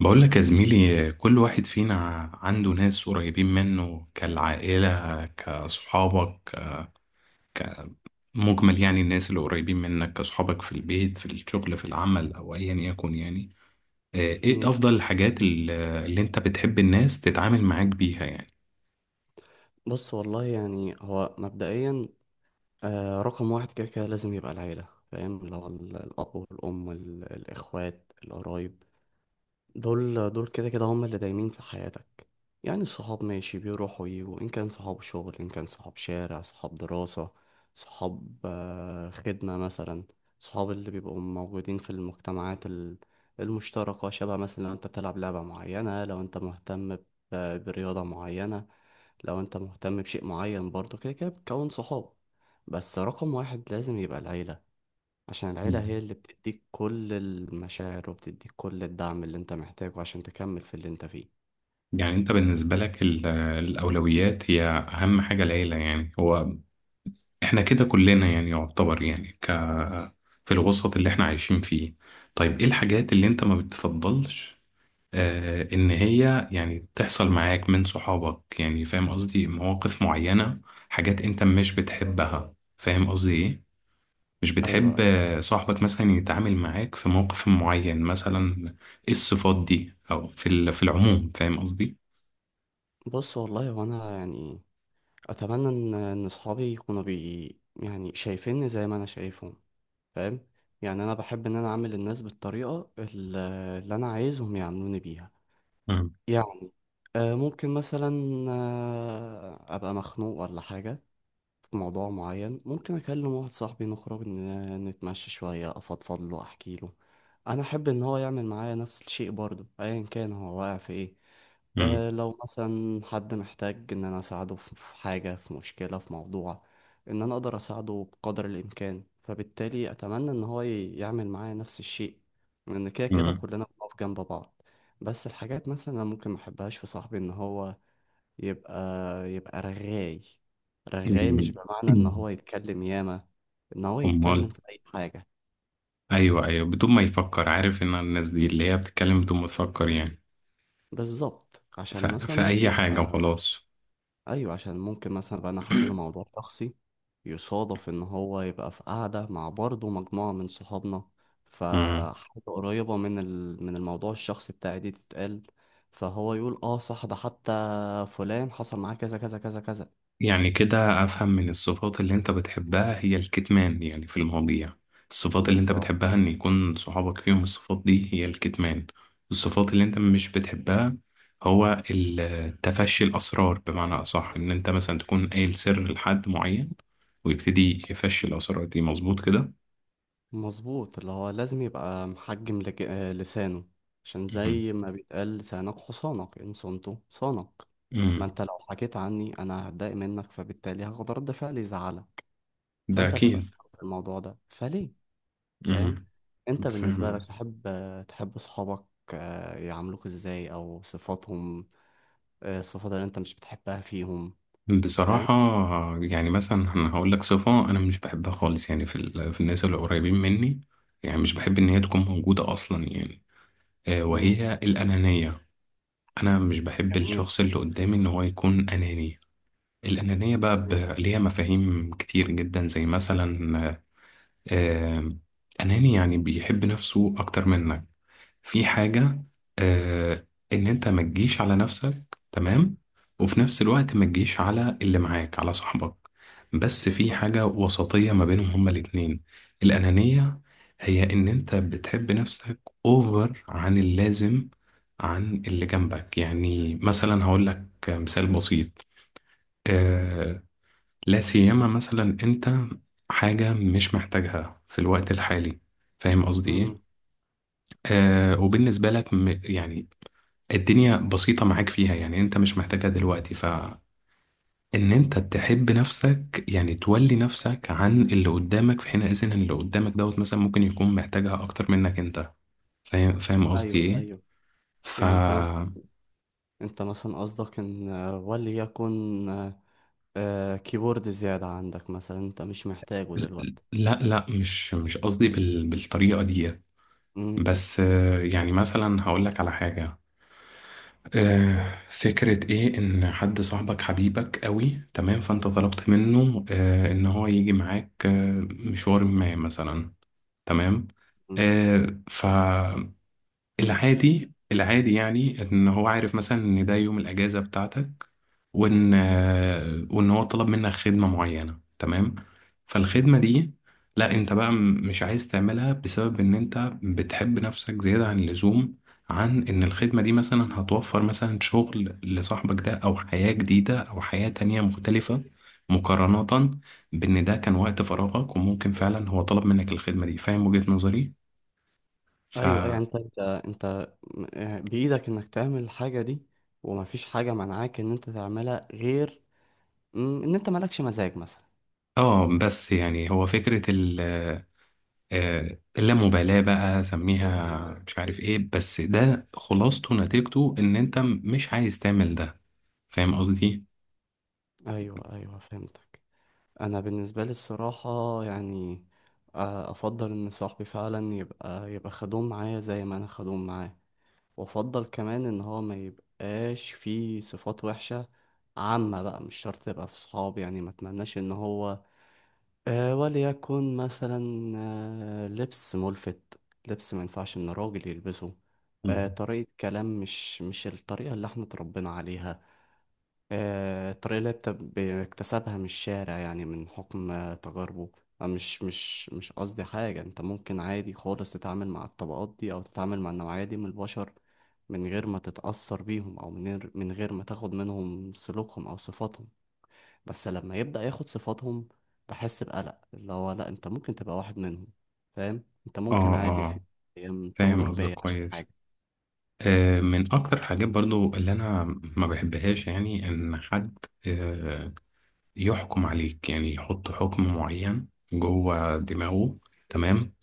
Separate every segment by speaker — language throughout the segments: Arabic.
Speaker 1: بقول لك يا زميلي، كل واحد فينا عنده ناس قريبين منه كالعائلة، كصحابك، مجمل يعني الناس اللي قريبين منك كصحابك في البيت، في الشغل، في العمل، أو أيا يكن يعني. آه، إيه
Speaker 2: مم.
Speaker 1: أفضل الحاجات اللي أنت بتحب الناس تتعامل معاك بيها يعني؟
Speaker 2: بص والله يعني هو مبدئيا رقم واحد كده كده لازم يبقى العيلة، فاهم، اللي هو الأب والأم الإخوات القرايب، دول دول كده كده هم اللي دايمين في حياتك. يعني الصحاب ماشي بيروحوا ويجوا، إن كان صحاب شغل إن كان صحاب شارع صحاب دراسة صحاب خدمة مثلا، صحاب اللي بيبقوا موجودين في المجتمعات المشتركة، شبه مثلا لو أنت بتلعب لعبة معينة، لو أنت مهتم برياضة معينة، لو انت مهتم بشيء معين، برضه كده كده بتكون صحاب. بس رقم واحد لازم يبقى العيلة، عشان
Speaker 1: مم.
Speaker 2: العيلة هي اللي بتديك كل المشاعر وبتديك كل الدعم اللي انت محتاجه عشان تكمل في اللي انت فيه.
Speaker 1: يعني أنت بالنسبة لك الأولويات هي أهم حاجة العيلة، يعني هو إحنا كده كلنا يعني يعتبر يعني في الوسط اللي إحنا عايشين فيه. طيب، إيه الحاجات اللي أنت ما بتفضلش ان هي يعني تحصل معاك من صحابك؟ يعني فاهم قصدي، مواقف معينة، حاجات انت مش بتحبها. فاهم قصدي ايه؟ مش
Speaker 2: ايوه.
Speaker 1: بتحب صاحبك مثلا يتعامل معاك في موقف معين مثلا. ايه الصفات دي، او في في العموم؟ فاهم قصدي.
Speaker 2: بص والله وانا يعني اتمنى ان صحابي يكونوا بي، يعني شايفيني زي ما انا شايفهم، فاهم. يعني انا بحب ان انا اعمل الناس بالطريقة اللي انا عايزهم يعاملوني بيها.
Speaker 1: مم.
Speaker 2: يعني ممكن مثلا ابقى مخنوق ولا حاجة في موضوع معين، ممكن أكلم واحد صاحبي نخرج نتمشى شوية أفضفض له أحكي له. أنا أحب إن هو يعمل معايا نفس الشيء برضه، أيا كان هو واقع في إيه.
Speaker 1: مم.
Speaker 2: أه لو مثلا حد محتاج إن أنا أساعده في حاجة، في مشكلة، في موضوع، إن أنا أقدر أساعده بقدر الإمكان، فبالتالي أتمنى إن هو يعمل معايا نفس الشيء، لأن كده كده
Speaker 1: مم.
Speaker 2: كلنا بنقف جنب بعض. بس الحاجات مثلا أنا ممكن محبهاش في صاحبي إن هو يبقى يبقى رغاي. رغاي مش بمعنى ان
Speaker 1: مم.
Speaker 2: هو يتكلم ياما، ان هو يتكلم
Speaker 1: امال.
Speaker 2: في اي حاجة.
Speaker 1: ايوه، ايوه، بدون ما يفكر، عارف ان الناس دي اللي هي بتتكلم بدون ما تفكر يعني
Speaker 2: بالظبط، عشان مثلا
Speaker 1: في
Speaker 2: ممكن
Speaker 1: اي حاجة
Speaker 2: ابقى،
Speaker 1: وخلاص.
Speaker 2: ايوه، عشان ممكن مثلا ابقى انا احكي له موضوع شخصي، يصادف ان هو يبقى في قعدة مع برضه مجموعة من صحابنا، فحاجة قريبة من من الموضوع الشخصي بتاعي دي تتقال، فهو يقول اه صح ده حتى فلان حصل معاه كذا كذا كذا كذا.
Speaker 1: يعني كده أفهم من الصفات اللي أنت بتحبها هي الكتمان يعني في المواضيع. الصفات اللي أنت
Speaker 2: بالظبط.
Speaker 1: بتحبها إن يكون صحابك فيهم الصفات دي، هي الكتمان. الصفات اللي أنت مش بتحبها هو تفشي الأسرار، بمعنى أصح إن أنت مثلا تكون قايل سر لحد معين، ويبتدي يفشي الأسرار دي. مظبوط كده.
Speaker 2: مظبوط، اللي هو لازم يبقى محجم لج... آه، لسانه، عشان
Speaker 1: مهم.
Speaker 2: زي ما بيتقال لسانك حصانك إن صنته صانك. ما
Speaker 1: مم.
Speaker 2: انت لو حكيت عني انا هتضايق منك، فبالتالي هاخد رد فعل يزعلك،
Speaker 1: ده
Speaker 2: فانت هتبقى
Speaker 1: أكيد.
Speaker 2: استوعبت الموضوع ده فليه. فاهم.
Speaker 1: مم.
Speaker 2: انت بالنسبة
Speaker 1: فاهم.
Speaker 2: لك تحب، تحب صحابك يعاملوك ازاي، او صفاتهم، الصفات اللي انت مش بتحبها فيهم. فاهم.
Speaker 1: بصراحة يعني مثلا أنا هقول لك صفة أنا مش بحبها خالص يعني في في الناس اللي قريبين مني، يعني مش بحب إن هي تكون موجودة أصلا يعني،
Speaker 2: مم،
Speaker 1: وهي الأنانية. أنا مش بحب
Speaker 2: جميل.
Speaker 1: الشخص اللي قدامي إن هو يكون أناني. الأنانية بقى
Speaker 2: مم،
Speaker 1: ليها مفاهيم كتير جدا، زي مثلا آه، أناني يعني بيحب نفسه أكتر منك في حاجة. آه إن أنت ما تجيش على نفسك، تمام، وفي نفس الوقت ما تجيش على اللي معاك، على صاحبك، بس في
Speaker 2: بالظبط.
Speaker 1: حاجة وسطية ما بينهم هما الاتنين. الأنانية هي إن أنت بتحب نفسك أوفر عن اللازم، عن اللي جنبك. يعني مثلا هقول لك مثال بسيط. آه لا سيما مثلا أنت حاجة مش محتاجها في الوقت الحالي، فاهم قصدي إيه؟
Speaker 2: مم،
Speaker 1: وبالنسبة لك يعني الدنيا بسيطة معاك فيها، يعني انت مش محتاجها دلوقتي، فان انت تحب نفسك، يعني تولي نفسك عن اللي قدامك، في حين اذن اللي قدامك دوت مثلا ممكن يكون محتاجها اكتر منك انت. فاهم قصدي
Speaker 2: ايوه
Speaker 1: ايه؟
Speaker 2: ايوه.
Speaker 1: ف
Speaker 2: يعني انت مثلا قصدك ان آه، وليكن آه، آه، كيبورد زيادة عندك مثلا، انت مش محتاجه دلوقتي.
Speaker 1: لا، لا، مش قصدي بالطريقة دي.
Speaker 2: مم،
Speaker 1: بس يعني مثلا هقول لك على حاجة. فكرة ايه ان حد صاحبك، حبيبك قوي، تمام، فانت طلبت منه ان هو يجي معاك مشوار ما مثلا، تمام.
Speaker 2: مم.
Speaker 1: آه فالعادي العادي يعني ان هو عارف مثلا ان ده يوم الاجازه بتاعتك، وان هو طلب منك خدمه معينه، تمام. فالخدمه دي لا انت بقى مش عايز تعملها، بسبب ان انت بتحب نفسك زياده عن اللزوم، عن ان الخدمه دي مثلا هتوفر مثلا شغل لصاحبك ده، او حياه جديده، او حياه تانية مختلفه، مقارنه بان ده كان وقت فراغك وممكن فعلا هو طلب منك الخدمه دي. فاهم وجهه نظري؟ ف
Speaker 2: ايوه ايوه. يعني انت بايدك انك تعمل الحاجة دي، ومفيش حاجة منعاك ان انت تعملها غير ان انت مالكش مزاج مثلا.
Speaker 1: اه بس يعني هو فكرة ال آه، اللامبالاة بقى، سميها مش عارف ايه، بس ده خلاصته نتيجته ان انت مش عايز تعمل ده. فاهم قصدي؟
Speaker 2: ايوه ايوه، فهمتك. انا بالنسبة لي الصراحة يعني افضل ان صاحبي فعلا يبقى خدوم معايا زي ما انا خدوم معاه، وافضل كمان ان هو ما يبقاش فيه صفات وحشة عامة. بقى مش شرط تبقى في صحاب، يعني ما اتمناش ان هو آه وليكن مثلا آه لبس ملفت، لبس ما ينفعش ان راجل يلبسه.
Speaker 1: مم.
Speaker 2: طريقة كلام مش الطريقة اللي احنا اتربينا عليها، الطريقة اللي بيكتسبها من الشارع، يعني من حكم تجاربه. مش قصدي حاجة، انت ممكن عادي خالص تتعامل مع الطبقات دي او تتعامل مع النوعية دي من البشر من غير ما تتأثر بيهم، او من غير ما تاخد منهم سلوكهم او صفاتهم. بس لما يبدأ ياخد صفاتهم بحس بقلق، اللي هو لا، انت ممكن تبقى واحد منهم. فاهم، انت ممكن
Speaker 1: اه،
Speaker 2: عادي في
Speaker 1: اه،
Speaker 2: ايام
Speaker 1: فاهم
Speaker 2: تغدر
Speaker 1: قصدك
Speaker 2: بيا عشان
Speaker 1: كويس.
Speaker 2: حاجة.
Speaker 1: من اكتر حاجات برضو اللي انا ما بحبهاش، يعني ان حد آه، يحكم عليك، يعني يحط حكم معين جوه دماغه، تمام،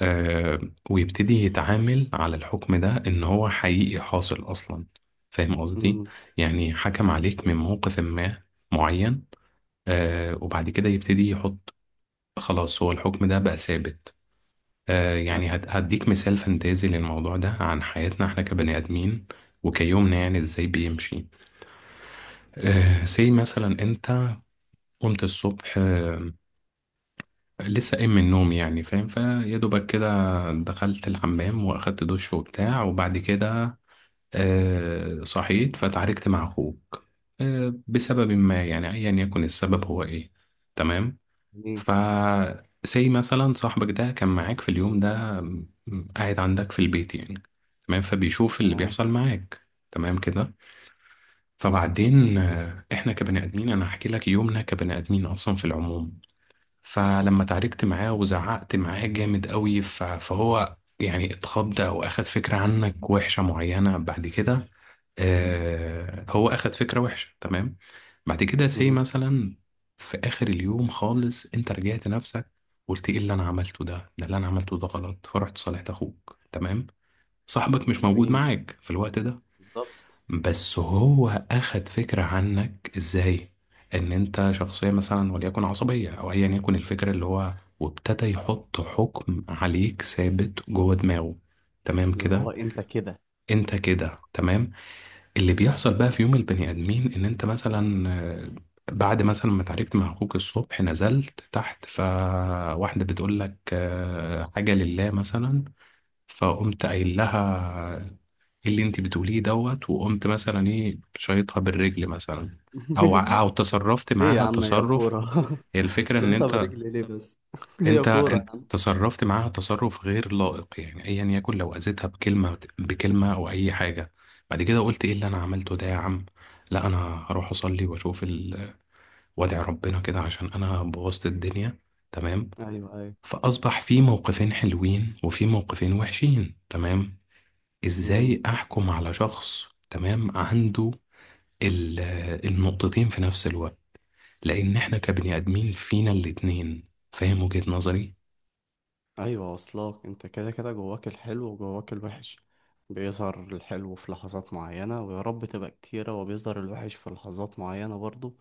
Speaker 1: آه ويبتدي يتعامل على الحكم ده إن هو حقيقي حاصل أصلا. فاهم قصدي؟
Speaker 2: امم،
Speaker 1: يعني حكم عليك من موقف ما معين، وبعد كده يبتدي يحط، خلاص هو الحكم ده بقى ثابت.
Speaker 2: ايوه.
Speaker 1: يعني
Speaker 2: أيوة.
Speaker 1: هديك مثال فانتازي للموضوع ده عن حياتنا احنا كبني آدمين، وكيومنا يعني ازاي بيمشي. سي مثلا انت قمت الصبح، لسه قايم من النوم يعني، فاهم فيا دوبك كده، دخلت الحمام واخدت دش وبتاع، وبعد كده صحيت، فتعاركت مع أخوك بسبب ما يعني، أيا يكن السبب هو إيه، تمام.
Speaker 2: جميل.
Speaker 1: ف زي مثلا صاحبك ده كان معاك في اليوم ده، قاعد عندك في البيت يعني، تمام، فبيشوف اللي
Speaker 2: تمام.
Speaker 1: بيحصل معاك تمام كده. فبعدين إحنا كبني آدمين، أنا هحكي لك يومنا كبني آدمين أصلا في العموم. فلما تعاركت معاه وزعقت معاه جامد قوي فهو يعني اتخض أو أخد فكرة عنك وحشة معينة بعد كده. هو اخد فكرة وحشة، تمام. بعد كده سي
Speaker 2: مم.
Speaker 1: مثلا في اخر اليوم خالص انت رجعت نفسك، قلت ايه اللي انا عملته ده، ده اللي انا عملته ده غلط، فرحت صالحت اخوك، تمام. صاحبك مش موجود
Speaker 2: جميل.
Speaker 1: معاك في الوقت ده،
Speaker 2: بالظبط،
Speaker 1: بس هو اخد فكرة عنك ازاي، ان انت شخصية مثلا وليكن عصبية او ايا يكن الفكرة اللي هو، وابتدى يحط حكم عليك ثابت جوه دماغه، تمام
Speaker 2: اللي هو
Speaker 1: كده،
Speaker 2: انت كده.
Speaker 1: انت كده، تمام. اللي بيحصل بقى في يوم البني آدمين إن أنت مثلا، بعد مثلا ما اتعاركت مع أخوك الصبح، نزلت تحت فواحدة بتقول لك حاجة لله مثلا، فقمت قايل لها إيه اللي أنت بتقوليه دوت، وقمت مثلا إيه شايطها بالرجل مثلا، أو تصرفت
Speaker 2: ليه يا
Speaker 1: معاها
Speaker 2: عم هي
Speaker 1: تصرف.
Speaker 2: كورة.
Speaker 1: هي الفكرة إن
Speaker 2: شايطها
Speaker 1: أنت
Speaker 2: برجلي ليه بس، هي
Speaker 1: انت
Speaker 2: كورة.
Speaker 1: انت تصرفت معاها تصرف غير لائق، يعني ايا يكن، لو اذيتها بكلمه بكلمه او اي حاجه. بعد كده قلت ايه اللي انا عملته ده يا عم، لا انا هروح اصلي واشوف وادعي ربنا كده عشان انا بوظت الدنيا، تمام.
Speaker 2: ايوه ايوه.
Speaker 1: فاصبح في موقفين حلوين وفي موقفين وحشين، تمام.
Speaker 2: امم.
Speaker 1: ازاي احكم على شخص تمام عنده ال- النقطتين في نفس الوقت؟ لان احنا كبني ادمين فينا الاتنين. فاهم وجهة نظري؟
Speaker 2: ايوه، واصلاك انت كده كده جواك الحلو وجواك الوحش، بيظهر الحلو في لحظات معينة ويا رب تبقى كتيرة، وبيظهر الوحش في لحظات معينة برضو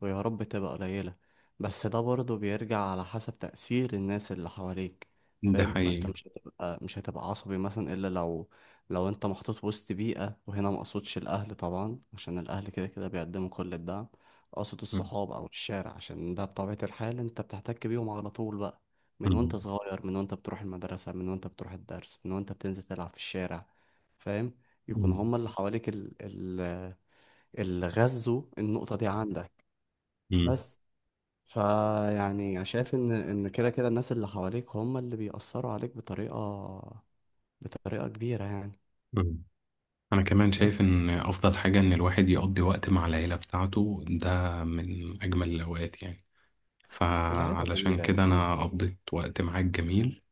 Speaker 2: ويا رب تبقى قليلة. بس ده برضه بيرجع على حسب تأثير الناس اللي حواليك.
Speaker 1: ده
Speaker 2: فاهم، ما انت
Speaker 1: حقيقي.
Speaker 2: مش هتبقى عصبي مثلا الا لو، لو انت محطوط وسط بيئة، وهنا ما اقصدش الاهل طبعا عشان الاهل كده كده بيقدموا كل الدعم، اقصد الصحاب او الشارع، عشان ده بطبيعة الحال انت بتحتك بيهم على طول بقى، من وانت
Speaker 1: مم.
Speaker 2: صغير، من وانت بتروح المدرسة، من وانت بتروح الدرس، من وانت بتنزل تلعب في الشارع. فاهم، يكون
Speaker 1: مم.
Speaker 2: هما اللي حواليك اللي غذوا النقطة دي عندك.
Speaker 1: مم.
Speaker 2: بس، فيعني شايف ان كده كده الناس اللي حواليك هم اللي بيأثروا عليك بطريقة كبيرة يعني.
Speaker 1: مم. أنا كمان شايف
Speaker 2: بس.
Speaker 1: إن أفضل حاجة إن الواحد يقضي وقت مع العيلة بتاعته، ده من أجمل الأوقات يعني،
Speaker 2: العيلة
Speaker 1: فعلشان
Speaker 2: جميلة يا
Speaker 1: كده أنا
Speaker 2: زميلي.
Speaker 1: قضيت وقت معاك جميل.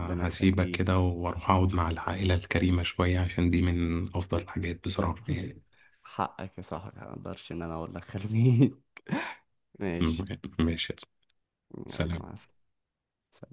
Speaker 2: ربنا يخليك.
Speaker 1: كده وأروح أقعد مع العائلة الكريمة شوية، عشان دي من أفضل الحاجات بصراحة يعني.
Speaker 2: حقك يا صاحبي، ما اقدرش ان انا اقول لك خليك.
Speaker 1: مم.
Speaker 2: ماشي.
Speaker 1: ماشي.
Speaker 2: يلا، مع
Speaker 1: سلام.
Speaker 2: السلامة.